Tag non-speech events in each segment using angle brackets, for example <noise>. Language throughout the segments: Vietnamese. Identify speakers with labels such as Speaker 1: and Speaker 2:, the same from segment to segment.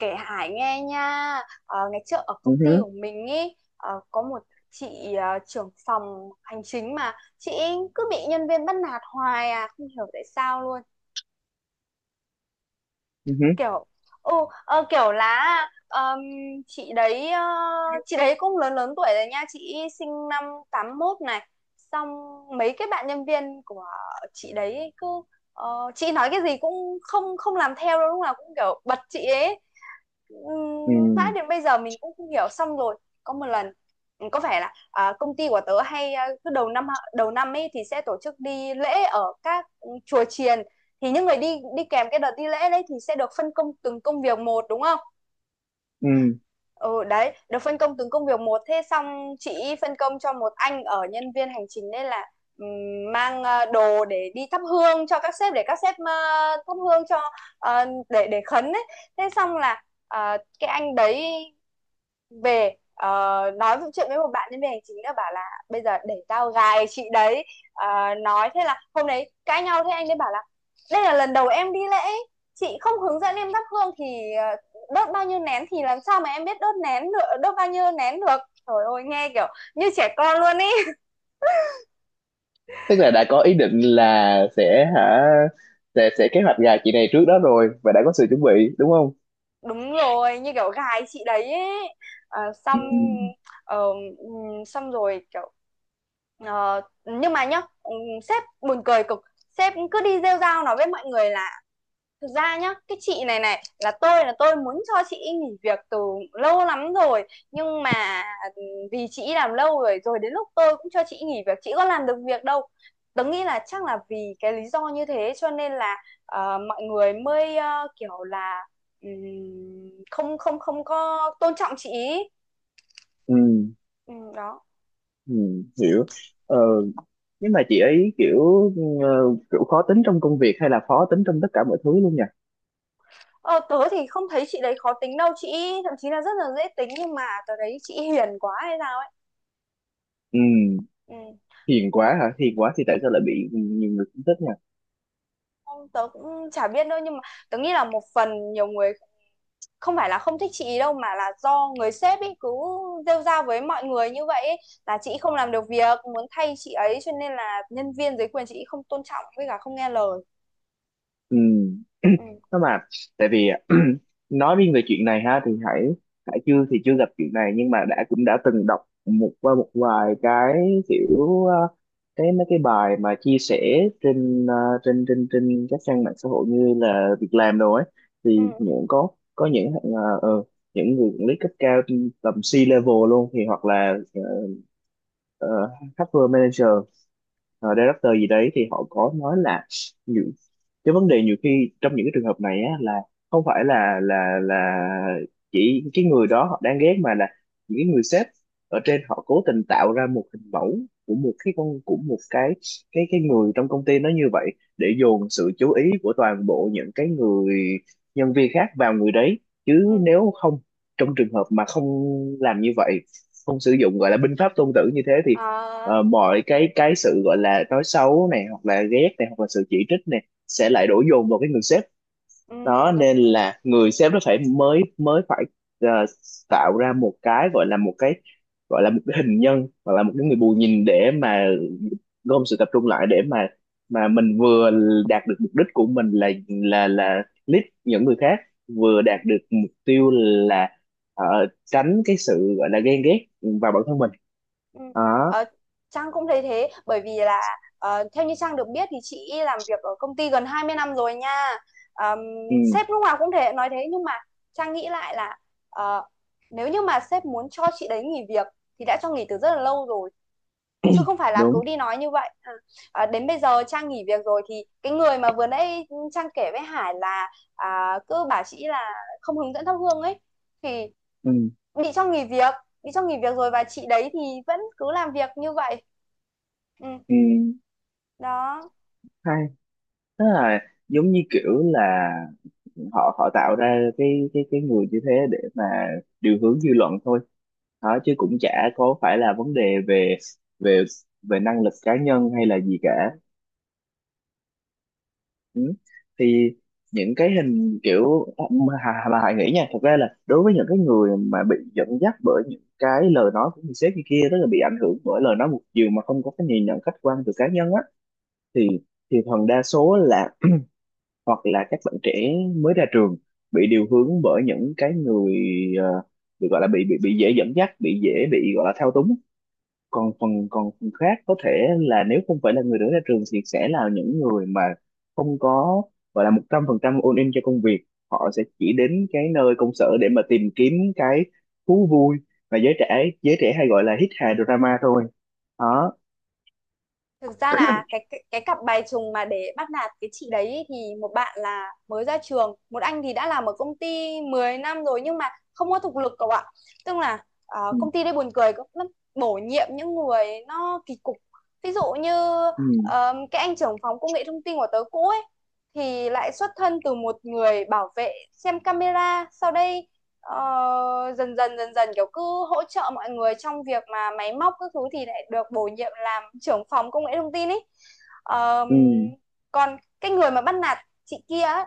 Speaker 1: Kể Hải nghe nha. Ngày trước ở
Speaker 2: Ừ
Speaker 1: công ty
Speaker 2: hứ,
Speaker 1: của mình ý, có một chị, trưởng phòng hành chính, mà chị ấy cứ bị nhân viên bắt nạt hoài, không hiểu tại sao luôn.
Speaker 2: ừ hứ,
Speaker 1: Kiểu ừ kiểu là, ờm, chị đấy, chị đấy cũng lớn lớn tuổi rồi nha, chị sinh năm 81 này. Xong mấy cái bạn nhân viên của chị đấy cứ, chị nói cái gì cũng không không làm theo đâu, lúc nào cũng kiểu bật chị ấy.
Speaker 2: ừ,
Speaker 1: Mãi đến bây giờ mình cũng không hiểu. Xong rồi có một lần có vẻ là, công ty của tớ hay, cứ đầu năm ấy thì sẽ tổ chức đi lễ ở các chùa chiền. Thì những người đi đi kèm cái đợt đi lễ đấy thì sẽ được phân công từng công việc một, đúng không?
Speaker 2: ừ.
Speaker 1: Ừ đấy, được phân công từng công việc một, thế xong chị phân công cho một anh ở nhân viên hành chính đấy là mang đồ để đi thắp hương cho các sếp, để các sếp thắp hương, cho để khấn ấy. Thế xong là cái anh đấy về, nói vụ chuyện với một bạn đến về hành chính nữa, bảo là bây giờ để tao gài chị đấy. Nói thế là hôm đấy cãi nhau, thế anh ấy bảo là đây là lần đầu em đi lễ, chị không hướng dẫn em thắp hương thì đốt bao nhiêu nén thì làm sao mà em biết đốt nén được đốt bao nhiêu nén được. Trời ơi, nghe kiểu như trẻ con luôn ý.
Speaker 2: Tức là đã có ý định là sẽ hả sẽ kế hoạch gà chị này trước đó rồi và đã có sự chuẩn bị, đúng không?
Speaker 1: Đúng rồi, như kiểu gài chị đấy ấy.
Speaker 2: Ừ.
Speaker 1: Xong. ờ, Xong rồi kiểu nhưng mà nhá, sếp buồn cười cực, sếp cứ đi rêu rao nói với mọi người là: Thực ra nhá, cái chị này này là, tôi muốn cho chị ý nghỉ việc từ lâu lắm rồi, nhưng mà ừ, vì chị ý làm lâu rồi rồi đến lúc tôi cũng cho chị ý nghỉ việc, chị có làm được việc đâu. Tớ nghĩ là chắc là vì cái lý do như thế cho nên là mọi người mới kiểu là, ừm, không không không có tôn trọng chị ý.
Speaker 2: Ừ.
Speaker 1: Ừ, đó.
Speaker 2: Ừ. Hiểu. Ờ, nhưng mà chị ấy kiểu ờ, kiểu khó tính trong công việc hay là khó tính trong tất cả mọi thứ luôn nhỉ?
Speaker 1: Ờ, Tớ thì không thấy chị đấy khó tính đâu, chị ý thậm chí là rất là dễ tính, nhưng mà tớ thấy chị ý hiền quá hay sao ấy.
Speaker 2: Ừ.
Speaker 1: Ừ.
Speaker 2: Hiền quá hả? Hiền quá thì
Speaker 1: Ừ.
Speaker 2: tại sao lại bị nhiều người không thích nhỉ?
Speaker 1: Không, tớ cũng chả biết đâu, nhưng mà tớ nghĩ là một phần nhiều người không phải là không thích chị ý đâu, mà là do người sếp ấy cứ rêu rao với mọi người như vậy ấy, là chị không làm được việc, muốn thay chị ấy, cho nên là nhân viên dưới quyền chị ý không tôn trọng, với cả không nghe lời.
Speaker 2: Ừ. <clears throat>
Speaker 1: Ừ.
Speaker 2: Nó mà Tại vì <clears throat> nói riêng về chuyện này ha, thì hãy chưa thì chưa gặp chuyện này, nhưng mà cũng đã từng đọc qua một vài cái kiểu cái mấy cái bài mà chia sẻ trên trên các trang mạng xã hội, như là việc làm đồ ấy,
Speaker 1: Ừ.
Speaker 2: thì
Speaker 1: Ừ.
Speaker 2: có những người quản lý cấp cao trên tầm C level luôn, thì hoặc là ờ, HR manager, director gì đấy, thì họ có nói là những cái vấn đề nhiều khi trong những cái trường hợp này á, là không phải là là chỉ cái người đó họ đang ghét, mà là những cái người sếp ở trên họ cố tình tạo ra một hình mẫu của một cái con, của một cái cái người trong công ty nó như vậy để dồn sự chú ý của toàn bộ những cái người nhân viên khác vào người đấy.
Speaker 1: Ừ.
Speaker 2: Chứ nếu không, trong trường hợp mà không làm như vậy, không sử dụng gọi là binh pháp Tôn Tử như thế, thì
Speaker 1: à,
Speaker 2: mọi cái sự gọi là nói xấu này hoặc là ghét này hoặc là sự chỉ trích này sẽ lại đổ dồn vào cái người sếp
Speaker 1: ừ,
Speaker 2: đó,
Speaker 1: đúng
Speaker 2: nên
Speaker 1: rồi.
Speaker 2: là người sếp nó phải mới mới phải ờ, tạo ra một cái gọi là một cái hình nhân, hoặc là một cái người bù nhìn để mà gom sự tập trung lại, để mà mình vừa đạt được mục đích của mình là là lead những người khác, vừa
Speaker 1: Ừ.
Speaker 2: đạt được mục tiêu là ờ, tránh cái sự gọi là ghen ghét vào bản thân mình
Speaker 1: Ừ.
Speaker 2: đó.
Speaker 1: Ờ, Trang cũng thấy thế, bởi vì là theo như Trang được biết thì chị làm việc ở công ty gần 20 năm rồi nha. Ờm,
Speaker 2: Ừ,
Speaker 1: Sếp lúc nào cũng thể nói thế, nhưng mà Trang nghĩ lại là ờ, nếu như mà sếp muốn cho chị đấy nghỉ việc thì đã cho nghỉ từ rất là lâu rồi, chứ không phải là
Speaker 2: đúng.
Speaker 1: cứ đi nói như vậy. Ừ. Đến bây giờ Trang nghỉ việc rồi thì cái người mà vừa nãy Trang kể với Hải là, cứ bảo chị là không hướng dẫn thắp hương ấy, thì
Speaker 2: Ừ,
Speaker 1: bị cho nghỉ việc bị cho nghỉ việc rồi, và chị đấy thì vẫn cứ làm việc như vậy. ừ,
Speaker 2: ừ,
Speaker 1: Đó.
Speaker 2: hay, tức là giống như kiểu là họ họ tạo ra cái cái người như thế để mà điều hướng dư luận thôi đó, chứ cũng chả có phải là vấn đề về về về năng lực cá nhân hay là gì cả. Ừ. Thì những cái hình kiểu mà Hải nghĩ nha, thật ra là đối với những cái người mà bị dẫn dắt bởi những cái lời nói của người sếp như kia, tức là bị ảnh hưởng bởi lời nói một chiều mà không có cái nhìn nhận khách quan từ cá nhân á, thì phần đa số là <clears throat> hoặc là các bạn trẻ mới ra trường bị điều hướng bởi những cái người, ờ, bị gọi là bị dễ dẫn dắt, bị dễ bị gọi là thao túng. Còn phần khác có thể là nếu không phải là người mới ra trường thì sẽ là những người mà không có gọi là 100% all in cho công việc, họ sẽ chỉ đến cái nơi công sở để mà tìm kiếm cái thú vui mà giới trẻ hay gọi là hít hà drama thôi đó.
Speaker 1: Thực ra là
Speaker 2: <laughs>
Speaker 1: cái cặp bài trùng mà để bắt nạt cái chị đấy ý, thì một bạn là mới ra trường, một anh thì đã làm ở công ty 10 năm rồi, nhưng mà không có thực lực cậu ạ. Tức là
Speaker 2: Ừ.
Speaker 1: công ty đây buồn cười cũng lắm, bổ nhiệm những người nó kỳ cục, ví dụ như
Speaker 2: Ừ.
Speaker 1: cái anh trưởng phòng công nghệ thông tin của tớ cũ ấy thì lại xuất thân từ một người bảo vệ xem camera sau đây. Dần dần dần dần kiểu cứ hỗ trợ mọi người trong việc mà máy móc các thứ, thì lại được bổ nhiệm làm trưởng phòng công nghệ thông tin ý. Ờm,
Speaker 2: Ừ.
Speaker 1: Còn cái người mà bắt nạt chị kia ấy,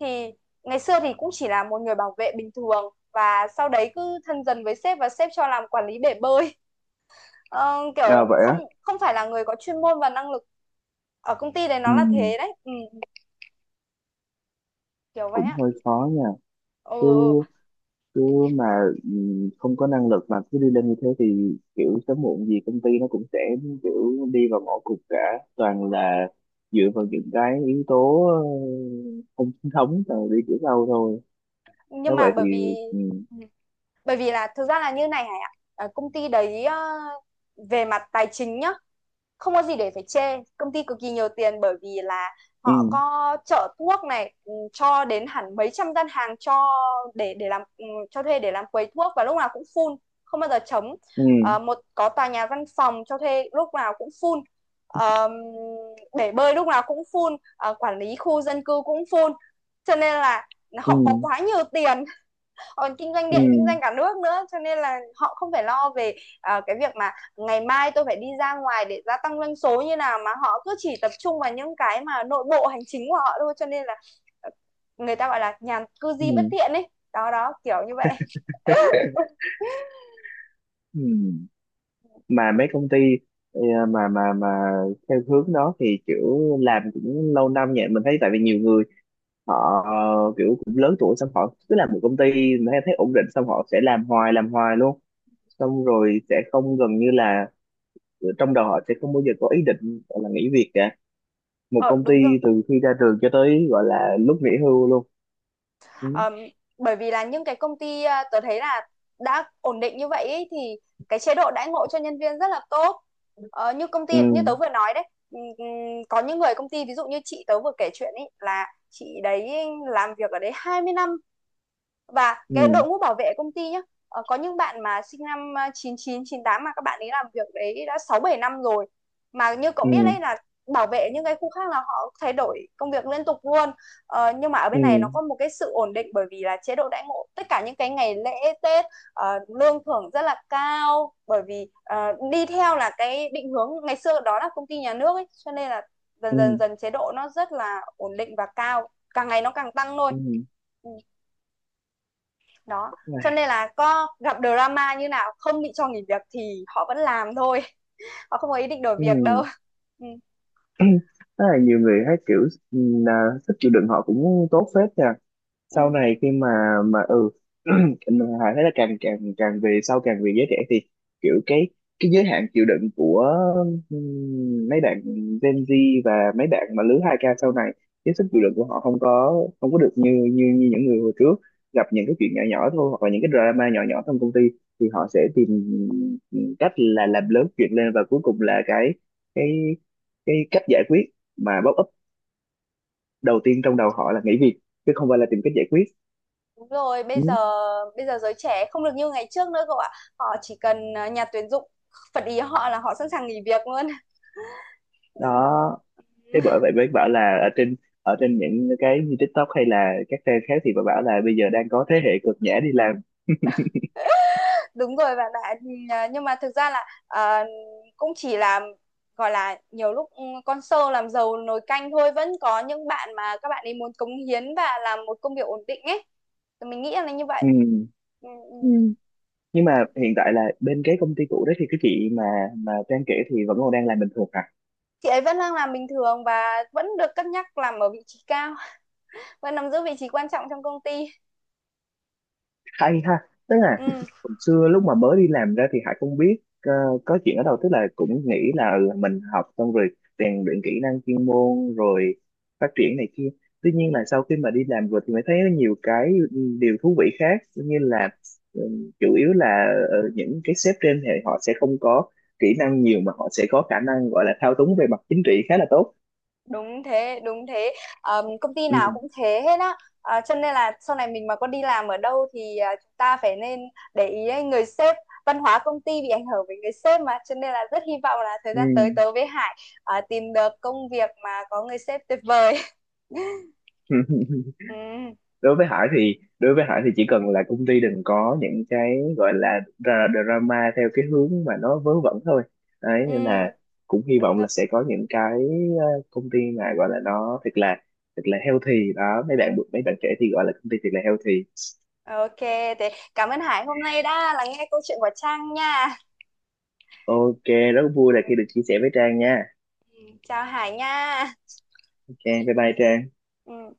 Speaker 1: thì ngày xưa thì cũng chỉ là một người bảo vệ bình thường, và sau đấy cứ thân dần với sếp và sếp cho làm quản lý bể bơi.
Speaker 2: À,
Speaker 1: Kiểu
Speaker 2: vậy á.
Speaker 1: không không phải là người có chuyên môn và năng lực, ở công ty đấy
Speaker 2: Ừ,
Speaker 1: nó là thế đấy, kiểu vậy
Speaker 2: cũng
Speaker 1: á.
Speaker 2: hơi khó nha. cứ
Speaker 1: Ừ.
Speaker 2: cứ mà ừ, không có năng lực mà cứ đi lên như thế thì kiểu sớm muộn gì công ty nó cũng sẽ kiểu đi vào ngõ cụt cả, toàn
Speaker 1: Ừ.
Speaker 2: là dựa vào những cái yếu tố không chính thống rồi đi kiểu sau thôi.
Speaker 1: nhưng
Speaker 2: Nếu
Speaker 1: mà
Speaker 2: vậy thì
Speaker 1: bởi vì
Speaker 2: ừ,
Speaker 1: ừ, Bởi vì là thực ra là như này Hải ạ. Ờ, Công ty đấy về mặt tài chính nhá, không có gì để phải chê. Công ty cực kỳ nhiều tiền, bởi vì là
Speaker 2: ừ,
Speaker 1: họ có chợ thuốc này, cho đến hẳn mấy trăm gian hàng cho để làm, cho thuê để làm quầy thuốc, và lúc nào cũng full, không bao giờ trống.
Speaker 2: ừ,
Speaker 1: Một có tòa nhà văn phòng cho thuê lúc nào cũng full. Ờ, Bể bơi lúc nào cũng full. Ờ, Quản lý khu dân cư cũng full. Cho nên là
Speaker 2: ừ,
Speaker 1: họ có quá nhiều tiền, còn kinh doanh
Speaker 2: ừ,
Speaker 1: điện, kinh doanh cả nước nữa, cho nên là họ không phải lo về cái việc mà ngày mai tôi phải đi ra ngoài để gia tăng doanh số như nào, mà họ cứ chỉ tập trung vào những cái mà nội bộ hành chính của họ thôi, cho nên là ờ, người ta gọi là nhàn cư di
Speaker 2: ừ.
Speaker 1: bất thiện ấy. Đó đó, kiểu như vậy.
Speaker 2: <laughs> Ừ. Mà mấy công ty ờ, mà theo hướng đó thì kiểu làm cũng lâu năm nhỉ, mình thấy. Tại vì nhiều người họ kiểu cũng lớn tuổi, xong họ cứ làm một công ty mà thấy ổn định, xong họ sẽ làm hoài luôn, xong rồi sẽ không, gần như là trong đầu họ sẽ không bao giờ có ý định gọi là nghỉ việc cả, một
Speaker 1: Ờ
Speaker 2: công ty
Speaker 1: Đúng rồi.
Speaker 2: từ khi ra trường cho tới gọi là lúc nghỉ hưu luôn. Ừ,
Speaker 1: Ờm, Bởi vì là những cái công ty, tớ thấy là đã ổn định như vậy ý, thì cái chế độ đãi ngộ cho nhân viên rất là tốt. Như công
Speaker 2: ừ,
Speaker 1: ty như tớ vừa nói đấy, ừm, có những người công ty, ví dụ như chị tớ vừa kể chuyện ấy, là chị đấy làm việc ở đấy 20 năm. Và cái
Speaker 2: ừ,
Speaker 1: đội ngũ bảo vệ công ty nhá, có những bạn mà sinh năm chín chín 98, mà các bạn ấy làm việc đấy đã 6 7 năm rồi. Mà như cậu
Speaker 2: ừ,
Speaker 1: biết đấy là bảo vệ những cái khu khác là họ thay đổi công việc liên tục luôn. Nhưng mà ở bên
Speaker 2: ừ,
Speaker 1: này nó có một cái sự ổn định, bởi vì là chế độ đãi ngộ tất cả những cái ngày lễ Tết, lương thưởng rất là cao, bởi vì đi theo là cái định hướng ngày xưa đó là công ty nhà nước ấy, cho nên là dần
Speaker 2: ừ,
Speaker 1: dần dần chế độ nó rất là ổn định và cao, càng ngày nó càng tăng thôi.
Speaker 2: ừ.
Speaker 1: Ừ, đó, cho
Speaker 2: Này,
Speaker 1: nên là có gặp drama như nào không bị cho nghỉ việc thì họ vẫn làm thôi. <laughs> Họ không có ý định đổi việc đâu.
Speaker 2: ừ.
Speaker 1: <laughs> Ừ.
Speaker 2: <clears throat> Tức là nhiều người thấy kiểu ừ, là sức chịu đựng họ cũng tốt phết nhỉ. Sau
Speaker 1: Ừ.
Speaker 2: này khi mà ừ, <clears throat> mà thấy là càng càng càng về sau càng về giới trẻ thì kiểu cái giới hạn chịu đựng của mấy bạn Gen Z và mấy bạn mà lứa 2k sau này, cái sức
Speaker 1: Ừ.
Speaker 2: chịu đựng của họ không có, được như như như những người hồi trước, gặp những cái chuyện nhỏ nhỏ thôi hoặc là những cái drama nhỏ nhỏ trong công ty thì họ sẽ tìm cách là làm lớn chuyện lên, và cuối cùng là cái cái cái cách giải quyết mà pop up đầu tiên trong đầu họ là nghỉ việc, chứ không phải là tìm cách giải quyết.
Speaker 1: Đúng rồi.
Speaker 2: Ừ.
Speaker 1: Bây giờ giới trẻ không được như ngày trước nữa cậu ạ, họ chỉ cần nhà tuyển dụng phật ý họ là họ sẵn sàng nghỉ việc luôn. <laughs>
Speaker 2: Đó, thế bởi vậy mới bảo là ở trên những cái như TikTok hay là các trang khác, thì bà bảo là bây giờ đang có thế hệ cực nhã đi làm.
Speaker 1: Đúng rồi bạn ạ. Ừ, nhưng mà thực ra là, cũng chỉ là gọi là nhiều lúc, con sâu làm rầu nồi canh thôi, vẫn có những bạn mà các bạn ấy muốn cống hiến và làm một công việc ổn định ấy. Thì mình nghĩ là như
Speaker 2: Ừ.
Speaker 1: vậy. Ừ, ừ,
Speaker 2: Ừ.
Speaker 1: ừ.
Speaker 2: Nhưng mà hiện tại là bên cái công ty cũ đó thì cái chị mà Trang kể thì vẫn còn đang làm bình thường hả?
Speaker 1: Chị ấy vẫn đang làm bình thường và vẫn được cân nhắc làm ở vị trí cao, <laughs> vẫn nắm giữ vị trí quan trọng trong công ty.
Speaker 2: Hay ha. Tức là
Speaker 1: Ừ.
Speaker 2: hồi xưa lúc mà mới đi làm ra thì Hải không biết có chuyện ở đâu, tức là cũng nghĩ là ừ, mình học xong rồi rèn luyện kỹ năng chuyên môn rồi phát triển này kia, tuy nhiên là
Speaker 1: Ừ.
Speaker 2: sau khi mà đi làm rồi thì mới thấy có nhiều cái, ừ, điều thú vị khác, như là ừ, chủ yếu là những cái sếp trên thì họ sẽ không có kỹ năng nhiều, mà họ sẽ có khả năng gọi là thao túng về mặt chính trị khá là tốt.
Speaker 1: Đúng thế, đúng thế. Công ty
Speaker 2: Ừ.
Speaker 1: nào cũng thế hết á. À, cho nên là sau này mình mà có đi làm ở đâu thì, chúng ta phải nên để ý ấy, người sếp, văn hóa công ty bị ảnh hưởng bởi người sếp mà, cho nên là rất hy vọng là thời gian tới tớ với Hải tìm được công việc mà có người sếp tuyệt vời. <laughs>
Speaker 2: Ừ. <laughs>
Speaker 1: Ừ,
Speaker 2: Đối với Hải thì đối với Hải thì chỉ cần là công ty đừng có những cái gọi là drama theo cái hướng mà nó vớ vẩn thôi đấy, nên là
Speaker 1: ừ,
Speaker 2: cũng hy
Speaker 1: đúng
Speaker 2: vọng là
Speaker 1: rồi.
Speaker 2: sẽ có những cái ờ, công ty mà gọi là nó thật là healthy đó, mấy bạn trẻ thì gọi là công ty thật là healthy.
Speaker 1: OK, thế cảm ơn Hải hôm nay đã lắng nghe câu chuyện của Trang nha.
Speaker 2: OK. Rất vui là khi được chia sẻ với Trang nha.
Speaker 1: Ừ, chào Hải nha.
Speaker 2: OK, bye bye Trang.
Speaker 1: Ừ.